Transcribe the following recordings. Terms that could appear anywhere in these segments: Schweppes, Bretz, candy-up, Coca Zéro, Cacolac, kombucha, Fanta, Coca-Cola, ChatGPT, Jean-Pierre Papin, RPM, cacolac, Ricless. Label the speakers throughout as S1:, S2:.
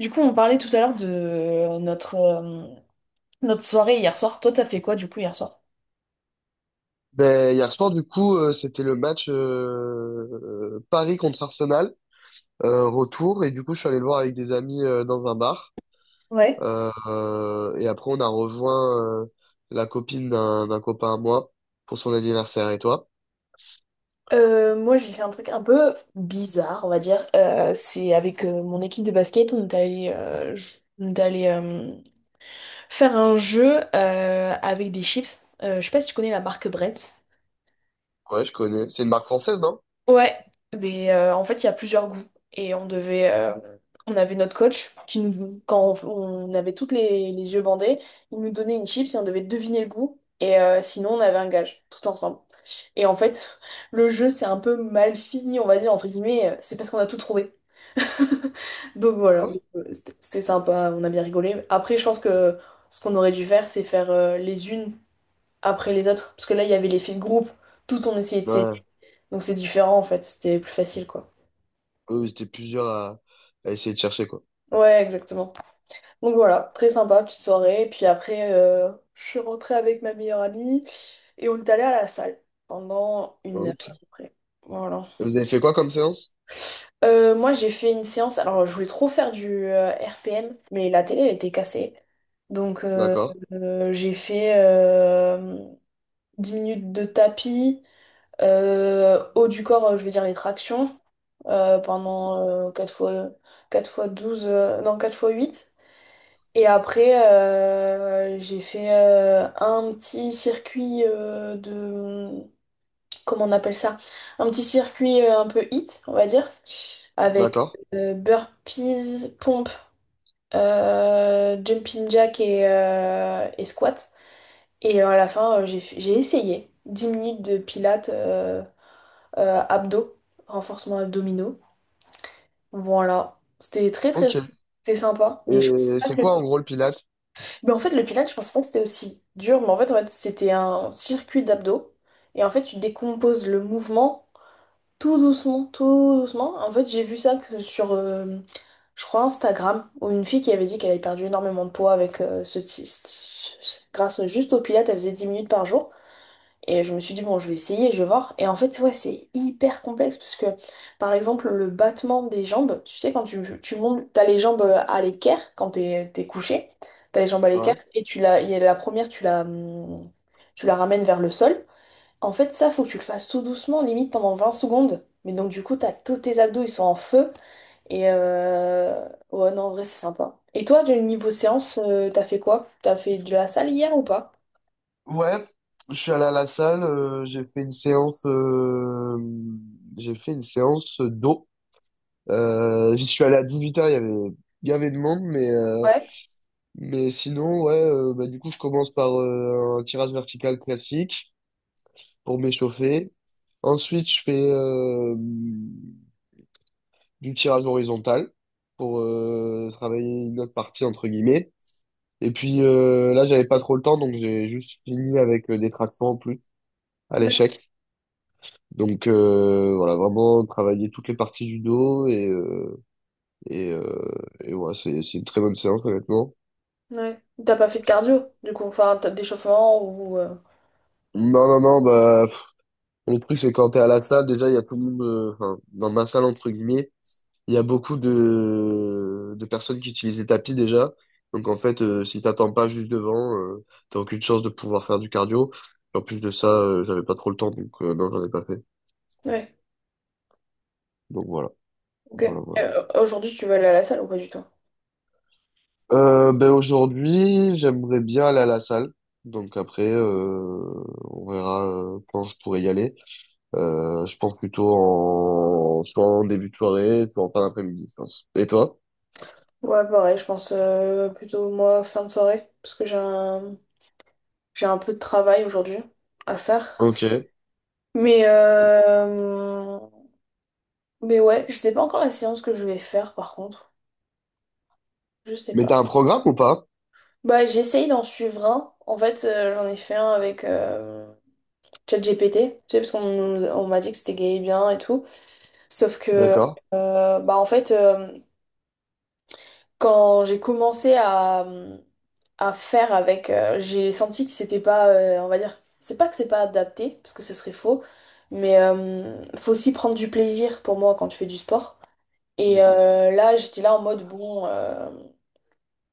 S1: Du coup, on parlait tout à l'heure de notre, notre soirée hier soir. Toi, t'as fait quoi du coup hier soir?
S2: Ben, hier soir, du coup, c'était le match Paris contre Arsenal, retour, et du coup, je suis allé le voir avec des amis dans un bar.
S1: Ouais.
S2: Et après, on a rejoint la copine d'un copain à moi pour son anniversaire. Et toi?
S1: Moi, j'ai fait un truc un peu bizarre, on va dire. C'est avec mon équipe de basket, on est allé, on est allé faire un jeu avec des chips. Je sais pas si tu connais la marque Bretz.
S2: Ouais, je connais. C'est une marque française, non?
S1: Ouais, mais en fait, il y a plusieurs goûts. Et on devait. On avait notre coach qui nous. Quand on avait toutes les yeux bandés, il nous donnait une chips et on devait deviner le goût. Et sinon, on avait un gage, tout ensemble. Et en fait, le jeu, c'est un peu mal fini, on va dire, entre guillemets. C'est parce qu'on a tout trouvé. Donc
S2: Ah
S1: voilà,
S2: ouais?
S1: c'était sympa, on a bien rigolé. Après, je pense que ce qu'on aurait dû faire, c'est faire les unes après les autres. Parce que là, il y avait l'effet de groupe. Tout on essayait de
S2: Ouais,
S1: Donc c'est différent en fait, c'était plus facile quoi.
S2: eux, ils étaient plusieurs à essayer de chercher, quoi.
S1: Ouais, exactement. Donc voilà, très sympa, petite soirée. Puis après, je suis rentrée avec ma meilleure amie et on est allé à la salle pendant
S2: Ah,
S1: une heure à
S2: ok.
S1: peu près. Voilà.
S2: Vous avez fait quoi comme séance?
S1: Moi j'ai fait une séance, alors je voulais trop faire du RPM, mais la télé elle était cassée. Donc euh,
S2: D'accord,
S1: euh, j'ai fait 10 minutes de tapis. Haut du corps, je vais dire les tractions pendant 4 fois, 4 fois 12 non 4 fois huit. Et après, j'ai fait un petit circuit de... Comment on appelle ça? Un petit circuit un peu hit on va dire, avec
S2: d'accord.
S1: burpees, pompe, jumping jack et squat. Et à la fin, j'ai essayé 10 minutes de pilates, abdos, renforcement abdominaux. Bon, voilà. C'était très très très
S2: Ok.
S1: C'était sympa, mais je pensais
S2: Et
S1: pas
S2: c'est quoi
S1: que...
S2: en gros le Pilates?
S1: Mais en fait, le pilates, je pensais pas que c'était aussi dur, mais en fait, c'était un circuit d'abdos. Et en fait, tu décomposes le mouvement tout doucement, tout doucement. En fait, j'ai vu ça que sur, je crois, Instagram, où une fille qui avait dit qu'elle avait perdu énormément de poids avec ce, ti- ce- ce- grâce juste au pilates, elle faisait 10 minutes par jour. Et je me suis dit, bon, je vais essayer, je vais voir. Et en fait, ouais, c'est hyper complexe parce que, par exemple, le battement des jambes, tu sais, quand tu montes, t'as les jambes à l'équerre quand t'es couché, t'as les jambes à l'équerre
S2: Ouais.
S1: et il y a la première, tu la ramènes vers le sol. En fait, ça, faut que tu le fasses tout doucement, limite pendant 20 secondes. Mais donc, du coup, t'as tous tes abdos, ils sont en feu. Et euh, ouais, non, en vrai, c'est sympa. Et toi, du niveau séance, t'as fait quoi? T'as fait de la salle hier ou pas?
S2: Ouais, je suis allé à la salle, j'ai fait une séance, j'ai fait une séance d'eau. J'y suis allé à 18h, il y avait de monde,
S1: Ouais.
S2: mais sinon, ouais, bah, du coup, je commence par un tirage vertical classique pour m'échauffer. Ensuite, je fais du tirage horizontal pour travailler une autre partie, entre guillemets. Et puis là, j'avais pas trop le temps, donc j'ai juste fini avec des tractions en plus à l'échec. Donc voilà, vraiment travailler toutes les parties du dos et et, euh, et ouais, c'est une très bonne séance honnêtement.
S1: Ouais. T'as pas fait de cardio, du coup, enfin, t'as d'échauffement ou...
S2: Non non non bah pff, le truc c'est quand t'es à la salle déjà il y a tout le monde enfin dans ma salle entre guillemets il y a beaucoup de personnes qui utilisent les tapis déjà donc en fait si t'attends pas juste devant t'as aucune chance de pouvoir faire du cardio en plus de ça j'avais pas trop le temps donc non j'en ai pas fait
S1: Ouais,
S2: donc voilà.
S1: ok.
S2: Voilà, voilà.
S1: Aujourd'hui, tu veux aller à la salle ou pas du tout?
S2: Ben aujourd'hui, j'aimerais bien aller à la salle. Donc après, on verra quand je pourrai y aller. Je pense plutôt en soit en début de soirée, soit en fin d'après-midi, je pense. Et toi?
S1: Ouais, pareil, je pense plutôt moi fin de soirée, parce que j'ai un peu de travail aujourd'hui à faire.
S2: Ok.
S1: Mais, euh, mais ouais, je sais pas encore la séance que je vais faire par contre. Je sais
S2: Mais
S1: pas.
S2: t'as un programme ou pas?
S1: Bah, j'essaye d'en suivre un. En fait, j'en ai fait un avec ChatGPT, tu sais, parce qu'on on m'a dit que c'était gay et bien et tout. Sauf que,
S2: D'accord.
S1: euh, bah, en fait, euh, quand j'ai commencé à faire avec, j'ai senti que c'était pas, on va dire, c'est pas que c'est pas adapté, parce que ce serait faux, mais faut aussi prendre du plaisir pour moi quand tu fais du sport. Et
S2: Oui.
S1: là, j'étais là en mode, bon,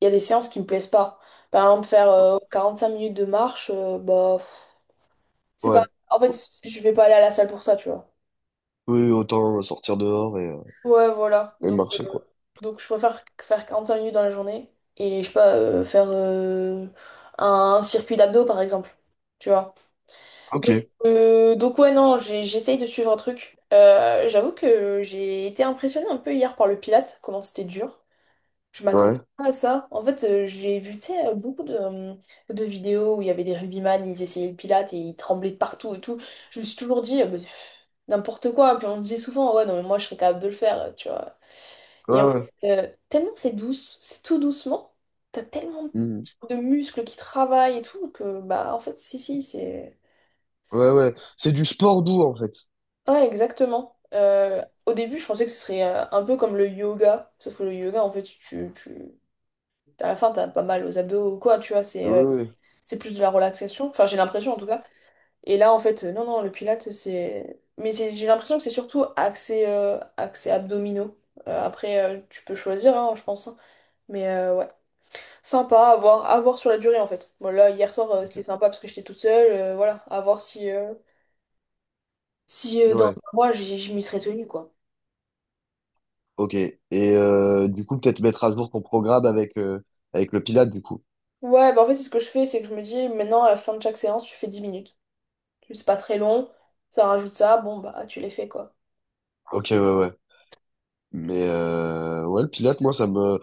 S1: il y a des séances qui me plaisent pas. Par exemple, faire 5 minutes de marche, bah, pff, c'est pas,
S2: Ouais.
S1: en fait, je vais pas aller à la salle pour ça, tu vois.
S2: Oui, autant sortir dehors
S1: Ouais, voilà.
S2: et marcher, quoi.
S1: Donc je préfère faire 45 minutes dans la journée et je sais pas, faire un circuit d'abdos par exemple. Tu vois. Donc,
S2: Ok.
S1: donc, ouais, non, j'essaye de suivre un truc. J'avoue que j'ai été impressionnée un peu hier par le Pilates, comment c'était dur. Je m'attendais
S2: Ouais.
S1: pas à ça. En fait, j'ai vu, tu sais, beaucoup de de vidéos où il y avait des rugbyman, ils essayaient le Pilates et ils tremblaient de partout et tout. Je me suis toujours dit, bah, pff, n'importe quoi. Puis on me disait souvent, ouais, non, mais moi, je serais capable de le faire, tu vois. Et
S2: Ouais,
S1: en
S2: ouais.
S1: fait, tellement c'est douce, c'est tout doucement, t'as tellement
S2: Mhm.
S1: de muscles qui travaillent et tout que, bah, en fait, si, si, c'est.
S2: Ouais, ouais. C'est du sport doux, en fait.
S1: Ouais, exactement. Au début, je pensais que ce serait un peu comme le yoga, sauf que le yoga, en fait, tu... à la fin, t'as pas mal aux abdos ou quoi, tu vois,
S2: Oui, oui, oui.
S1: c'est plus de la relaxation, enfin, j'ai l'impression en tout cas. Et là, en fait, non, non, le pilates, c'est. Mais j'ai l'impression que c'est surtout axé, axé abdominaux. Après, tu peux choisir, hein, je pense. Hein. Mais ouais. Sympa à voir sur la durée en fait. Bon, là, hier soir,
S2: Ok.
S1: c'était sympa parce que j'étais toute seule. Euh, voilà, à voir si dans
S2: Ouais,
S1: un mois, je m'y serais tenue quoi.
S2: ok. Et du coup, peut-être mettre à jour ton programme avec, avec le Pilate, du coup.
S1: Ouais, bah en fait, c'est ce que je fais, c'est que je me dis maintenant, à la fin de chaque séance, tu fais 10 minutes. C'est pas très long, ça rajoute ça, bon, bah tu les fais quoi.
S2: Ok, ouais, ouais. Mais ouais, le Pilate, moi, ça me...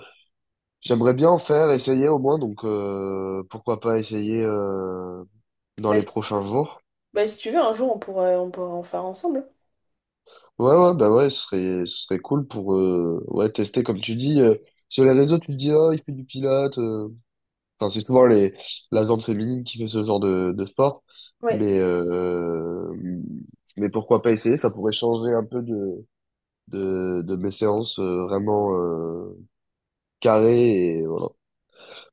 S2: J'aimerais bien en faire, essayer au moins, donc pourquoi pas essayer dans
S1: Bah,
S2: les
S1: si
S2: prochains jours.
S1: bah, si tu veux, un jour, on pourra en faire ensemble.
S2: Ouais, ouais, bah ouais, ce serait cool pour ouais, tester, comme tu dis. Sur les réseaux, tu te dis, oh, il fait du Pilate. Enfin, c'est souvent les, la gente féminine qui fait ce genre de sport.
S1: Oui.
S2: Mais, euh, mais pourquoi pas essayer, ça pourrait changer un peu de mes séances vraiment carrées et voilà.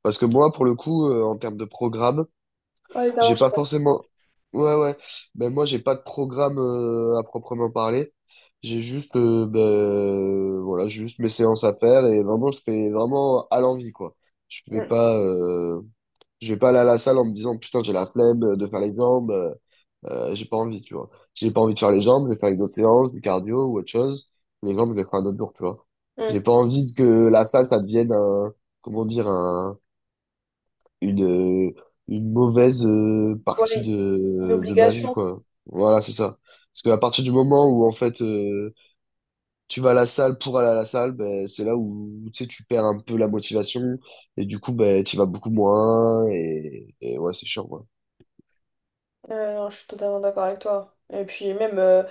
S2: Parce que moi, pour le coup, en termes de programme,
S1: Ouais, pardon,
S2: j'ai
S1: je sais
S2: pas
S1: pas.
S2: forcément. Ouais, ouais. Ben moi, j'ai pas de programme à proprement parler. J'ai juste, ben, voilà, juste mes séances à faire et vraiment, je fais vraiment à l'envie, quoi. Je vais
S1: Mm,
S2: pas, euh, je vais pas aller à la salle en me disant, putain, j'ai la flemme de faire les jambes. J'ai pas envie, tu vois. J'ai pas envie de faire les jambes, je vais faire une autre séance, du cardio ou autre chose. Les jambes, je vais faire un autre jour, tu vois. J'ai
S1: mm.
S2: pas envie que la salle, ça devienne un, comment dire, un, une, euh, une mauvaise partie
S1: Ouais, une
S2: de ma vie,
S1: obligation.
S2: quoi. Voilà, c'est ça. Parce qu'à partir du moment où, en fait, tu vas à la salle pour aller à la salle, ben, c'est là où, tu sais, tu perds un peu la motivation et du coup, ben, tu vas beaucoup moins et ouais, c'est chiant, quoi.
S1: Non, je suis totalement d'accord avec toi. Et puis même,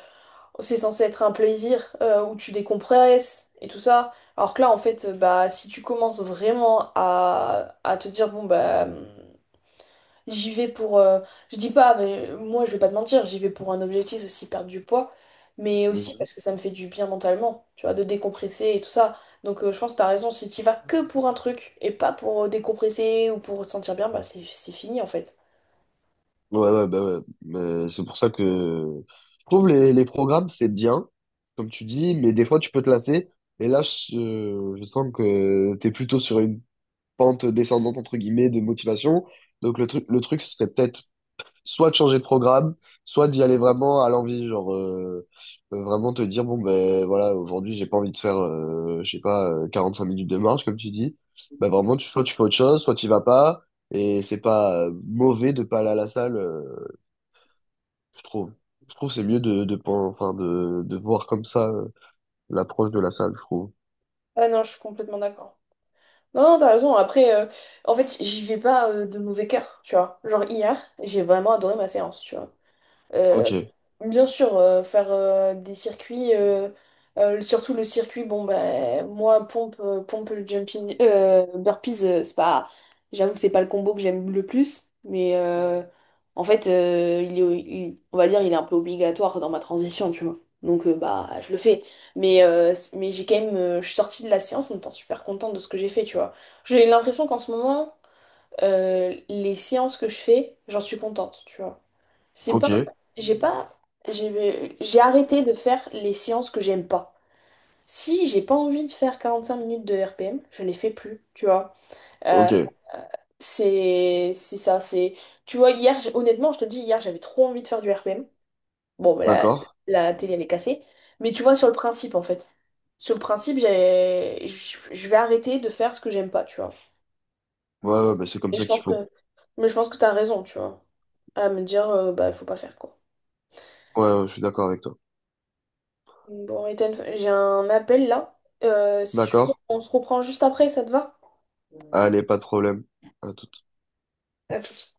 S1: c'est censé être un plaisir où tu décompresses et tout ça. Alors que là, en fait, bah, si tu commences vraiment à te dire, bon, bah, j'y vais pour... je dis pas, mais moi, je vais pas te mentir, j'y vais pour un objectif aussi, perdre du poids, mais aussi parce que ça me fait du bien mentalement, tu vois, de décompresser et tout ça. Donc je pense que t'as raison, si t'y vas que pour un truc et pas pour décompresser ou pour te sentir bien, bah, c'est fini, en fait.
S2: Ouais, ouais, bah ouais. Mais c'est pour ça que je trouve les programmes, c'est bien, comme tu dis, mais des fois, tu peux te lasser. Et là, je sens que t'es plutôt sur une pente descendante, entre guillemets, de motivation. Donc, le truc, ce serait peut-être soit de changer de programme, soit d'y aller vraiment à l'envie. Genre, vraiment te dire, bon, ben voilà, aujourd'hui, j'ai pas envie de faire, je sais pas, 5 minutes de marche, comme tu dis. Bah, vraiment, tu, soit tu fais autre chose, soit tu vas pas. Et c'est pas mauvais de pas aller à la salle. Je trouve. Je trouve que c'est mieux de, enfin, de voir comme ça l'approche de la salle, je trouve.
S1: Ah non, je suis complètement d'accord. Non, non, t'as raison. Après, en fait, j'y vais pas de mauvais cœur, tu vois. Genre, hier, j'ai vraiment adoré ma séance, tu vois. Euh,
S2: Ok,
S1: Bien sûr, faire des circuits, surtout le circuit, bon, bah, moi, pompe, pompe jumping, burpees, c'est pas, j'avoue que c'est pas le combo que j'aime le plus, mais en fait, on va dire, il est un peu obligatoire dans ma transition, tu vois. Donc, bah, je le fais. Mais j'ai quand même, je suis sortie de la séance en étant super contente de ce que j'ai fait, tu vois. J'ai l'impression qu'en ce moment, les séances que je fais, j'en suis contente, tu vois. C'est
S2: ok,
S1: pas, j'ai pas, J'ai arrêté de faire les séances que j'aime pas. Si j'ai pas envie de faire 45 minutes de RPM, je les fais plus, tu vois. Euh,
S2: ok,
S1: c'est ça, c'est... Tu vois, hier, honnêtement, je te dis, hier, j'avais trop envie de faire du RPM. Bon, bah,
S2: d'accord.
S1: la télé, elle est cassée. Mais tu vois, sur le principe, en fait. Sur le principe, j'ai, je vais arrêter de faire ce que j'aime pas, tu vois.
S2: Ouais, ouais, bah c'est comme
S1: Et je
S2: ça qu'il
S1: pense
S2: faut.
S1: que, mais je pense que t'as raison, tu vois, à me dire, bah, il faut pas faire, quoi.
S2: Ouais, ouais, je suis d'accord avec toi.
S1: Bon, Ethan, j'ai un appel là. Si tu veux,
S2: D'accord.
S1: on se reprend juste après, ça te va?
S2: Allez, pas de problème. À tout
S1: À tout de suite.